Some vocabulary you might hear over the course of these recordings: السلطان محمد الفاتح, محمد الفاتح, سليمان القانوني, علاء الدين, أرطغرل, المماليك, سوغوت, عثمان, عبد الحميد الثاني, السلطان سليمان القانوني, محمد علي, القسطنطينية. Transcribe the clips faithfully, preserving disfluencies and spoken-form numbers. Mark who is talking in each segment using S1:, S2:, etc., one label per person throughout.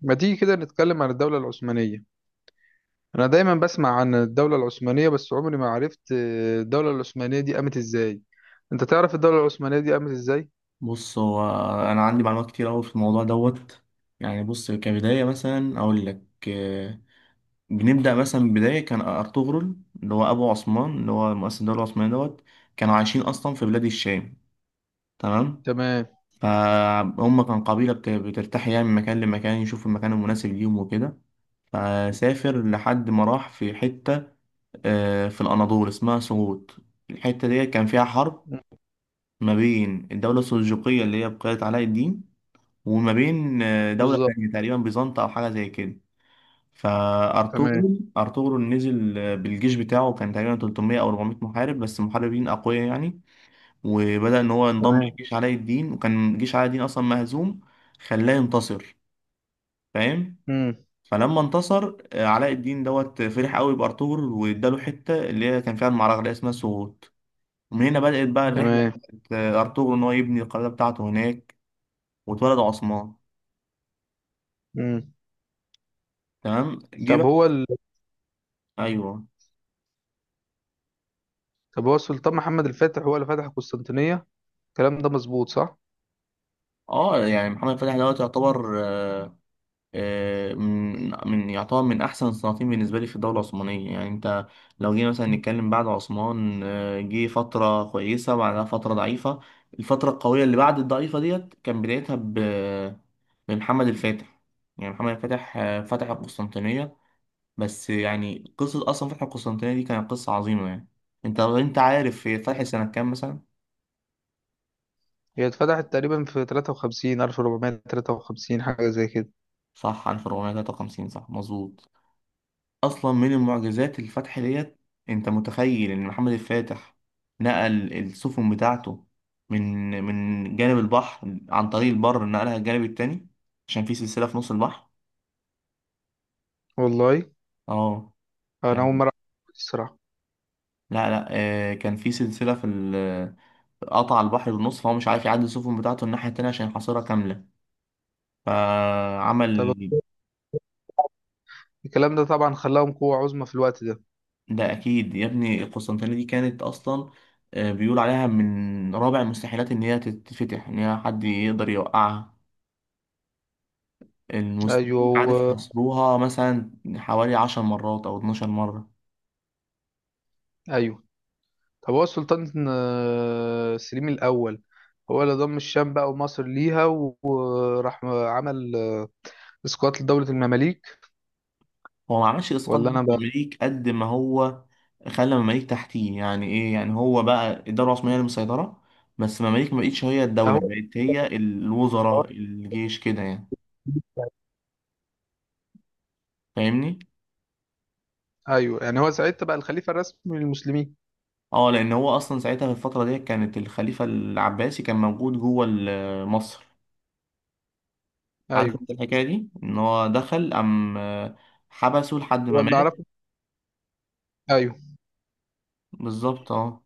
S1: ما تيجي كده نتكلم عن الدولة العثمانية. أنا دايما بسمع عن الدولة العثمانية، بس عمري ما عرفت آه، الدولة العثمانية دي قامت إزاي. أنت تعرف الدولة العثمانية دي قامت إزاي؟
S2: بص هو انا عندي معلومات كتير قوي في الموضوع دوت. يعني بص، كبدايه مثلا اقول لك. آه، بنبدا مثلا بدايه كان ارطغرل، اللي هو ابو عثمان، اللي هو مؤسس الدوله العثمانيه دوت. كانوا عايشين اصلا في بلاد الشام. تمام
S1: تمام.
S2: فهم كان قبيله بت- بترتاح يعني من مكان لمكان، يشوف المكان المناسب ليهم وكده. فسافر لحد ما راح في حته، آه، في الاناضول اسمها سوغوت. الحته ديت كان فيها حرب
S1: مم.
S2: ما بين الدوله السلجوقيه اللي هي بقيت علاء الدين، وما بين آه، دولة
S1: بالظبط.
S2: تانية تقريبا بيزنطة أو حاجة زي كده.
S1: تمام،
S2: فأرطغرل أرطغرل نزل آه، بالجيش بتاعه، كان تقريبا تلتمية أو اربعمية محارب بس محاربين أقوياء يعني. وبدأ إن هو ينضم
S1: تمام.
S2: لجيش علاء الدين، وكان جيش علاء الدين أصلا مهزوم، خلاه ينتصر. فاهم؟
S1: مم.
S2: فلما انتصر آه، علاء الدين دوت، فرح قوي بأرطغرل واداله حتة اللي هي كان فيها المعركة اللي هي اسمها سوغوت. ومن هنا بدأت بقى الرحلة
S1: تمام.
S2: بتاعت آه، أرطغرل إن هو يبني القلعة بتاعته هناك. واتولد عثمان.
S1: مم.
S2: تمام، جه
S1: طب
S2: بقى.
S1: هو ال...
S2: ايوه.
S1: طب هو السلطان محمد الفاتح هو اللي فتح القسطنطينية، الكلام ده مظبوط صح؟
S2: اه، يعني محمد فتحي دوت يعتبر آه، آه، من من يعتبر من احسن الصناعين بالنسبه لي في الدوله العثمانيه. يعني انت لو جينا مثلا نتكلم بعد عثمان، آه، جه فتره كويسه وبعدها فتره ضعيفه. الفتره القويه اللي بعد الضعيفه ديت كان بدايتها ب- بمحمد الفاتح. يعني محمد الفاتح آه، فتح القسطنطينيه. بس يعني قصه اصلا فتح القسطنطينيه دي كانت قصه عظيمه يعني. انت انت عارف هي
S1: مم.
S2: فتحت سنه كام مثلا؟
S1: هي اتفتحت تقريبا في تلاتة وخمسين ألف وأربعمية وتلاتة وخمسين حاجة زي كده.
S2: صح، ألف واربعمية تلاتة وخمسين، صح مظبوط. اصلا من المعجزات الفتح ديت. انت متخيل ان محمد الفاتح نقل السفن بتاعته من من جانب البحر عن طريق البر، نقلها الجانب التاني، عشان في سلسلة في نص البحر.
S1: والله،
S2: اه
S1: أنا أول
S2: يعني.
S1: مرة أعرف الصراحة.
S2: لا لا آه كان في سلسلة في ال- قطع البحر بالنص، فهو مش عارف يعدي السفن بتاعته الناحية التانية عشان يحاصرها كاملة.
S1: طب
S2: فعمل.
S1: الكلام ده طبعا خلاهم قوة عظمى في الوقت ده.
S2: ده أكيد يا ابني، القسطنطينية دي كانت أصلا آه، بيقول عليها من رابع المستحيلات إن هي تتفتح، إن هي حد يقدر يوقعها. المسلمين عارف
S1: أيوه،
S2: حاصروها مثلا حوالي عشر مرات أو اتناشر مرة.
S1: ايوه. طب هو السلطان آه، سليم الاول هو اللي ضم الشام بقى ومصر ليها و- وراح عمل اسقاط لدولة المماليك.
S2: هو ما عملش إسقاط
S1: ولا انا
S2: دولة
S1: بقى.
S2: المماليك قد ما هو خلى المماليك تحتيه. يعني إيه؟ يعني هو بقى الدولة العثمانية اللي مسيطرة، بس المماليك ما بقتش هي الدولة،
S1: هو.
S2: بقت هي الوزراء، الجيش كده يعني. فاهمني؟
S1: ايوه، يعني هو ساعتها بقى الخليفة الرسمي للمسلمين.
S2: اه، لأن هو أصلا ساعتها في الفترة دي كانت الخليفة العباسي كان موجود جوه ال- مصر. عارف
S1: ايوه.
S2: انت الحكاية دي؟ إن هو دخل أم حبسه لحد
S1: هو
S2: ما
S1: اللي
S2: مات.
S1: اعرفه. ايوه.
S2: بالظبط اه،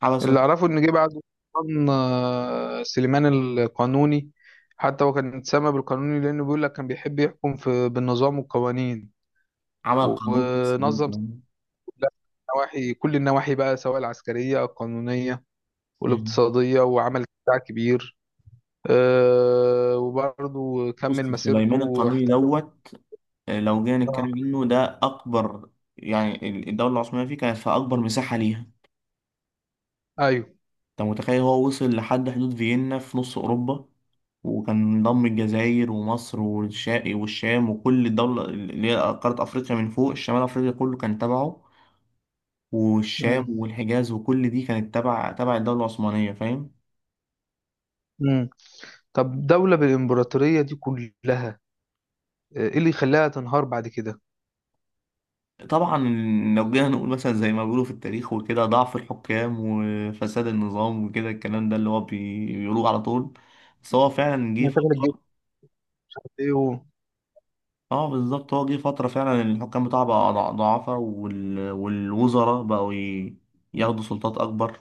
S2: حبسه.
S1: اللي اعرفه ان جه بعد السلطان آه، سليمان القانوني. حتى هو كان اتسمى بالقانوني لانه بيقول لك كان بيحب يحكم في بالنظام والقوانين.
S2: عمل
S1: و-
S2: قانون خاص
S1: ونظم
S2: بيه.
S1: نواحي كل النواحي بقى، سواء العسكرية القانونية
S2: مم.
S1: والاقتصادية، وعمل بتاع كبير. آه، وبرضه كمل
S2: بص سليمان
S1: مسيرته
S2: القانوني
S1: احتل-
S2: دوت، آه، لو جينا نتكلم
S1: آه،
S2: عنه ده أكبر. يعني ال- الدولة العثمانية فيه كانت في أكبر مساحة ليها.
S1: ايوه.
S2: أنت متخيل هو وصل لحد حدود فيينا في نص أوروبا؟ وكان ضم الجزائر ومصر والشام والشام وكل الدولة اللي هي قارة أفريقيا، من فوق شمال أفريقيا كله كان تبعه. والشام
S1: مم.
S2: والحجاز وكل دي كانت تبع تبع الدولة العثمانية، فاهم؟
S1: مم. طب دولة بالإمبراطورية دي كلها، آه، ايه اللي يخليها تنهار بعد كده؟
S2: طبعا لو جينا نقول مثلا زي ما بيقولوا في التاريخ وكده، ضعف الحكام وفساد النظام وكده، الكلام ده اللي هو بي- بيقولوه على طول. بس هو فعلا جه
S1: ما تعمل الجيش،
S2: فترة.
S1: عارف ايه و...
S2: اه بالظبط، هو جه فترة فعلا الحكام بتاعه بقى ضع- ضعفاء وال... والوزراء بقوا ي... ياخدوا سلطات أكبر.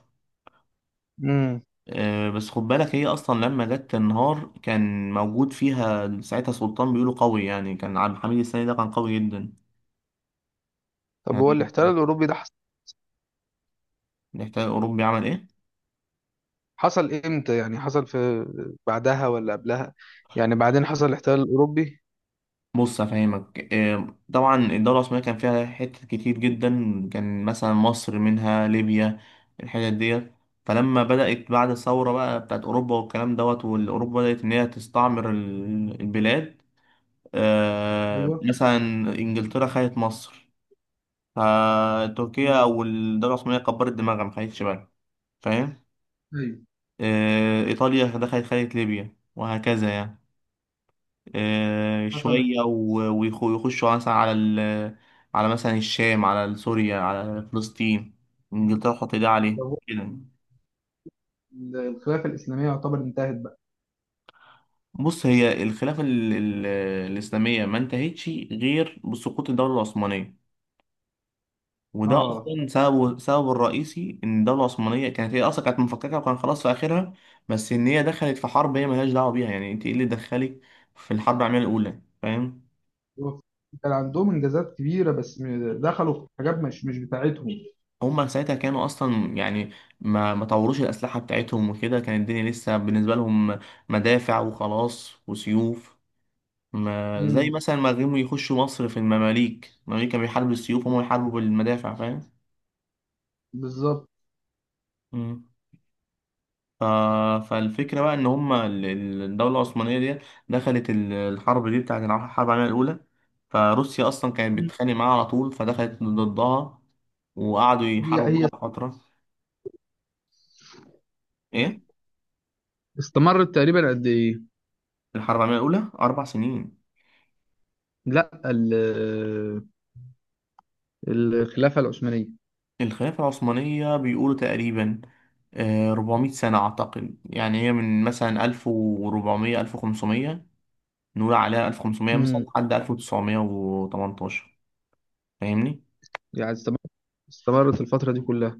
S1: مم.
S2: آه بس خد بالك، هي أصلا لما جت تنهار كان موجود فيها ساعتها سلطان بيقولوا قوي يعني، كان عبد الحميد السيد ده كان قوي جدا
S1: طب
S2: يعني.
S1: هو الاحتلال الأوروبي ده حصل
S2: نحتاج أوروبي عمل إيه؟
S1: حصل امتى، يعني حصل في بعدها ولا قبلها، يعني بعدين حصل الاحتلال الأوروبي؟
S2: بص افهمك، آه، طبعا الدوله العثمانيه كان فيها حتت كتير جدا. كان مثلا مصر منها، ليبيا، الحتت ديت. فلما بدات بعد الثوره بقى بتاعت اوروبا والكلام دوت، والاوروبا بدات ان هي تستعمر ال- البلاد. آه،
S1: ايوه.
S2: مثلا انجلترا خدت مصر، فتركيا او الدوله العثمانيه كبرت دماغها ما خدتش بالها، فاهم؟
S1: ايوه.
S2: آه، ايطاليا دخلت خدت ليبيا، وهكذا يعني. آه،
S1: حصل
S2: شوية و- ويخ- ويخشوا مثلا على ال، على مثلا الشام، على سوريا، على فلسطين، انجلترا تحط ايدها عليه
S1: احتلال-
S2: كده.
S1: الخلافة الإسلامية يعتبر انتهت بقى.
S2: بص هي الخلافة ال- ال- الإسلامية ما انتهتش غير بسقوط الدولة العثمانية. وده
S1: اه.
S2: أصلا سببه، سببه الرئيسي إن الدولة العثمانية كانت هي أصلا كانت مفككة، وكان خلاص في آخرها. بس إن هي دخلت في حرب هي ملهاش دعوة بيها. يعني أنت إيه اللي دخلك في الحرب العالمية الأولى؟ فاهم؟
S1: كان عندهم انجازات كبيره، بس م- دخلوا في حاجات مش مش بتاعتهم.
S2: هما ساعتها كانوا اصلا يعني ما ما طوروش الاسلحه بتاعتهم وكده، كانت الدنيا لسه بالنسبه لهم مدافع وخلاص وسيوف. ما زي
S1: امم.
S2: مثلا ما غيموا يخشوا مصر في المماليك، المماليك كانوا بيحاربوا بالسيوف وهم بيحاربوا بالمدافع، فاهم؟
S1: بالظبط.
S2: مم. ف... فالفكره بقى ان هما ال- ال- الدوله العثمانيه دي دخلت ال- الحرب دي بتاعت الع- الحرب العالميه الاولى. فروسيا اصلا كانت
S1: مم.
S2: بتتخانق معاها على طول، فدخلت ضدها، وقعدوا
S1: هي
S2: يحاربوا
S1: هي
S2: بعض فتره. ايه؟
S1: استمرت تقريبا قد ايه؟
S2: الحرب العالميه الاولى اربع سنين.
S1: لا ال- الخلافه العثمانيه.
S2: الخلافة العثمانية بيقولوا تقريبا آه، 400 سنة أعتقد، يعني هي من مثلا ألف واربعمية، ألف وخمسمية، نقول عليها ألف وخمسمية مثلا
S1: امم.
S2: لحد ألف وتسعمائة وثمانية عشر، فاهمني؟
S1: يعني استمرت استمرت الفتره دي كلها.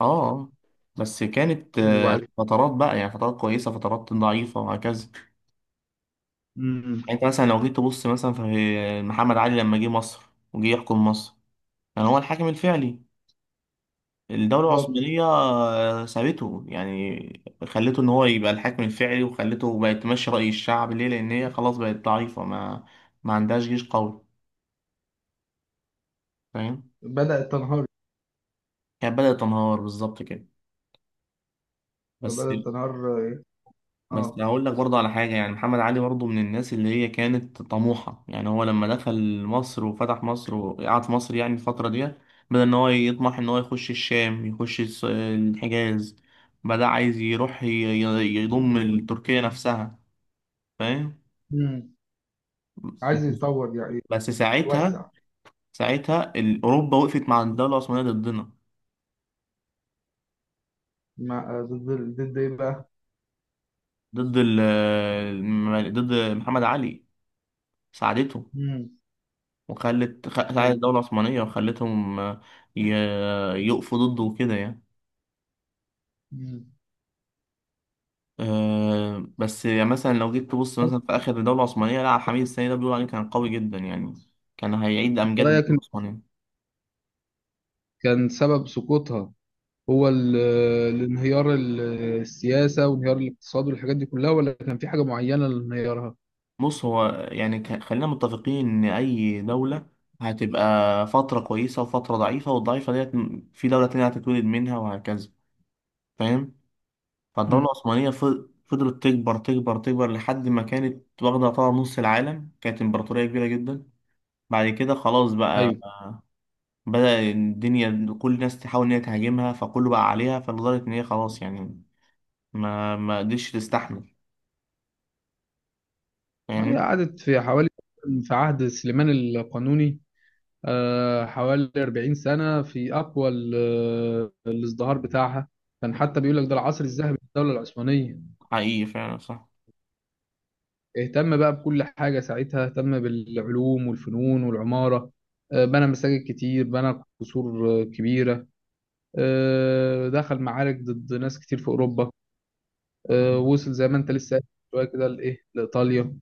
S2: آه. آه. بس كانت آه،
S1: وبعد.
S2: فترات بقى، يعني فترات كويسة فترات ضعيفة وهكذا.
S1: امم.
S2: يعني أنت مثلا لو جيت تبص مثلا في محمد علي لما جه مصر وجه يحكم مصر، يعني هو الحاكم الفعلي. الدولة
S1: بالظبط.
S2: العثمانية آه، سابته، يعني خلته إن هو يبقى الحاكم الفعلي، وخلته بقت تمشي رأي الشعب، ليه؟ لأن هي خلاص بقت ضعيفة، ما ما عندهاش جيش قوي، فاهم؟
S1: بدات تنهار.
S2: كانت بدأت تنهار بالظبط كده. بس
S1: بدات تنهار.
S2: بس
S1: اه.
S2: هقول لك برضه على حاجة، يعني محمد علي برضه من الناس اللي هي كانت طموحة. يعني هو لما دخل مصر وفتح مصر وقعد في مصر، يعني الفترة دي بدأ إن هو يطمح إن هو يخش الشام، يخش الس- الحجاز، بدأ عايز يروح ي- ي- يضم تركيا نفسها، فاهم؟
S1: امم. عايز يتطور يعني
S2: بس ساعتها
S1: يتوسع.
S2: ساعتها ال- اوروبا وقفت مع الدوله العثمانيه ضدنا،
S1: مع ضد ضد ايه بقى؟
S2: ضد ال الم- ضد محمد علي. ساعدته،
S1: امم.
S2: وخلت خ- ساعدت
S1: ايوه.
S2: الدوله العثمانيه وخلتهم، آه، ي- يقفوا ضده وكده يعني.
S1: امم.
S2: آه، بس يعني مثلا لو جيت تبص مثلا في اخر الدوله العثمانيه، لا عبد الحميد الثاني ده بيقول عليه كان قوي جدا يعني، كان هيعيد امجاد
S1: رايك
S2: الدوله
S1: إن
S2: العثمانيه.
S1: كان سبب سقوطها هو ال- الانهيار ال- السياسة وانهيار الاقتصاد والحاجات دي كلها، ولا كان في حاجة معينة لانهيارها؟
S2: بص هو يعني ك- خلينا متفقين ان اي دولة هتبقى فترة كويسة وفترة ضعيفة، والضعيفة ديت م- في دولة تانية هتتولد منها، وهكذا، فاهم؟
S1: مم.
S2: فالدولة العثمانية ف- فضلت تكبر تكبر تكبر لحد ما كانت واخدة يعتبر نص العالم، كانت امبراطورية كبيرة جدا. بعد كده خلاص بقى
S1: أيوه.
S2: بدأ الدنيا كل الناس تحاول ان هي تهاجمها، فكله بقى عليها، فلدرجة ان هي خلاص يعني ما ما قدرتش تستحمل،
S1: هي
S2: فاهمني؟
S1: قعدت في حوالي، في عهد سليمان القانوني آه، حوالي أربعين سنة في أقوى ال- الازدهار بتاعها. كان حتى بيقول لك ده العصر الذهبي للدولة العثمانية.
S2: حقيقي فعلا صح.
S1: اهتم بقى بكل حاجة ساعتها، اهتم بالعلوم والفنون والعمارة. آه، بنى مساجد كتير، بنى قصور آه، كبيرة. آه، دخل معارك ضد ناس كتير في أوروبا. آه،
S2: مم.
S1: وصل زي ما انت لسه قايل شويه كده لايه لايطاليا.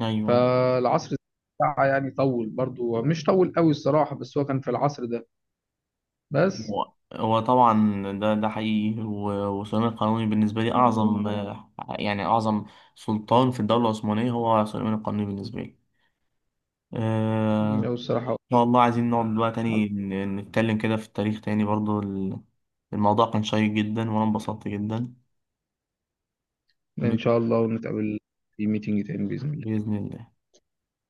S2: ايوه،
S1: فالعصر بتاعها يعني طول برضو، مش طول قوي الصراحه، بس هو كان في العصر ده بس.
S2: هو هو طبعا ده ده حقيقي. و- وسليمان القانوني بالنسبة لي أعظم، آه، يعني أعظم سلطان في الدولة العثمانية هو سليمان القانوني بالنسبة لي. آه،
S1: لو
S2: إن
S1: الصراحه،
S2: شاء الله عايزين نقعد بقى تاني ن- نتكلم كده في التاريخ تاني برضو. ال- الموضوع كان شيق جدا وأنا انبسطت جدا.
S1: ان
S2: ب-
S1: شاء الله ونتقابل في ميتنج تاني باذن الله.
S2: بإذن الله.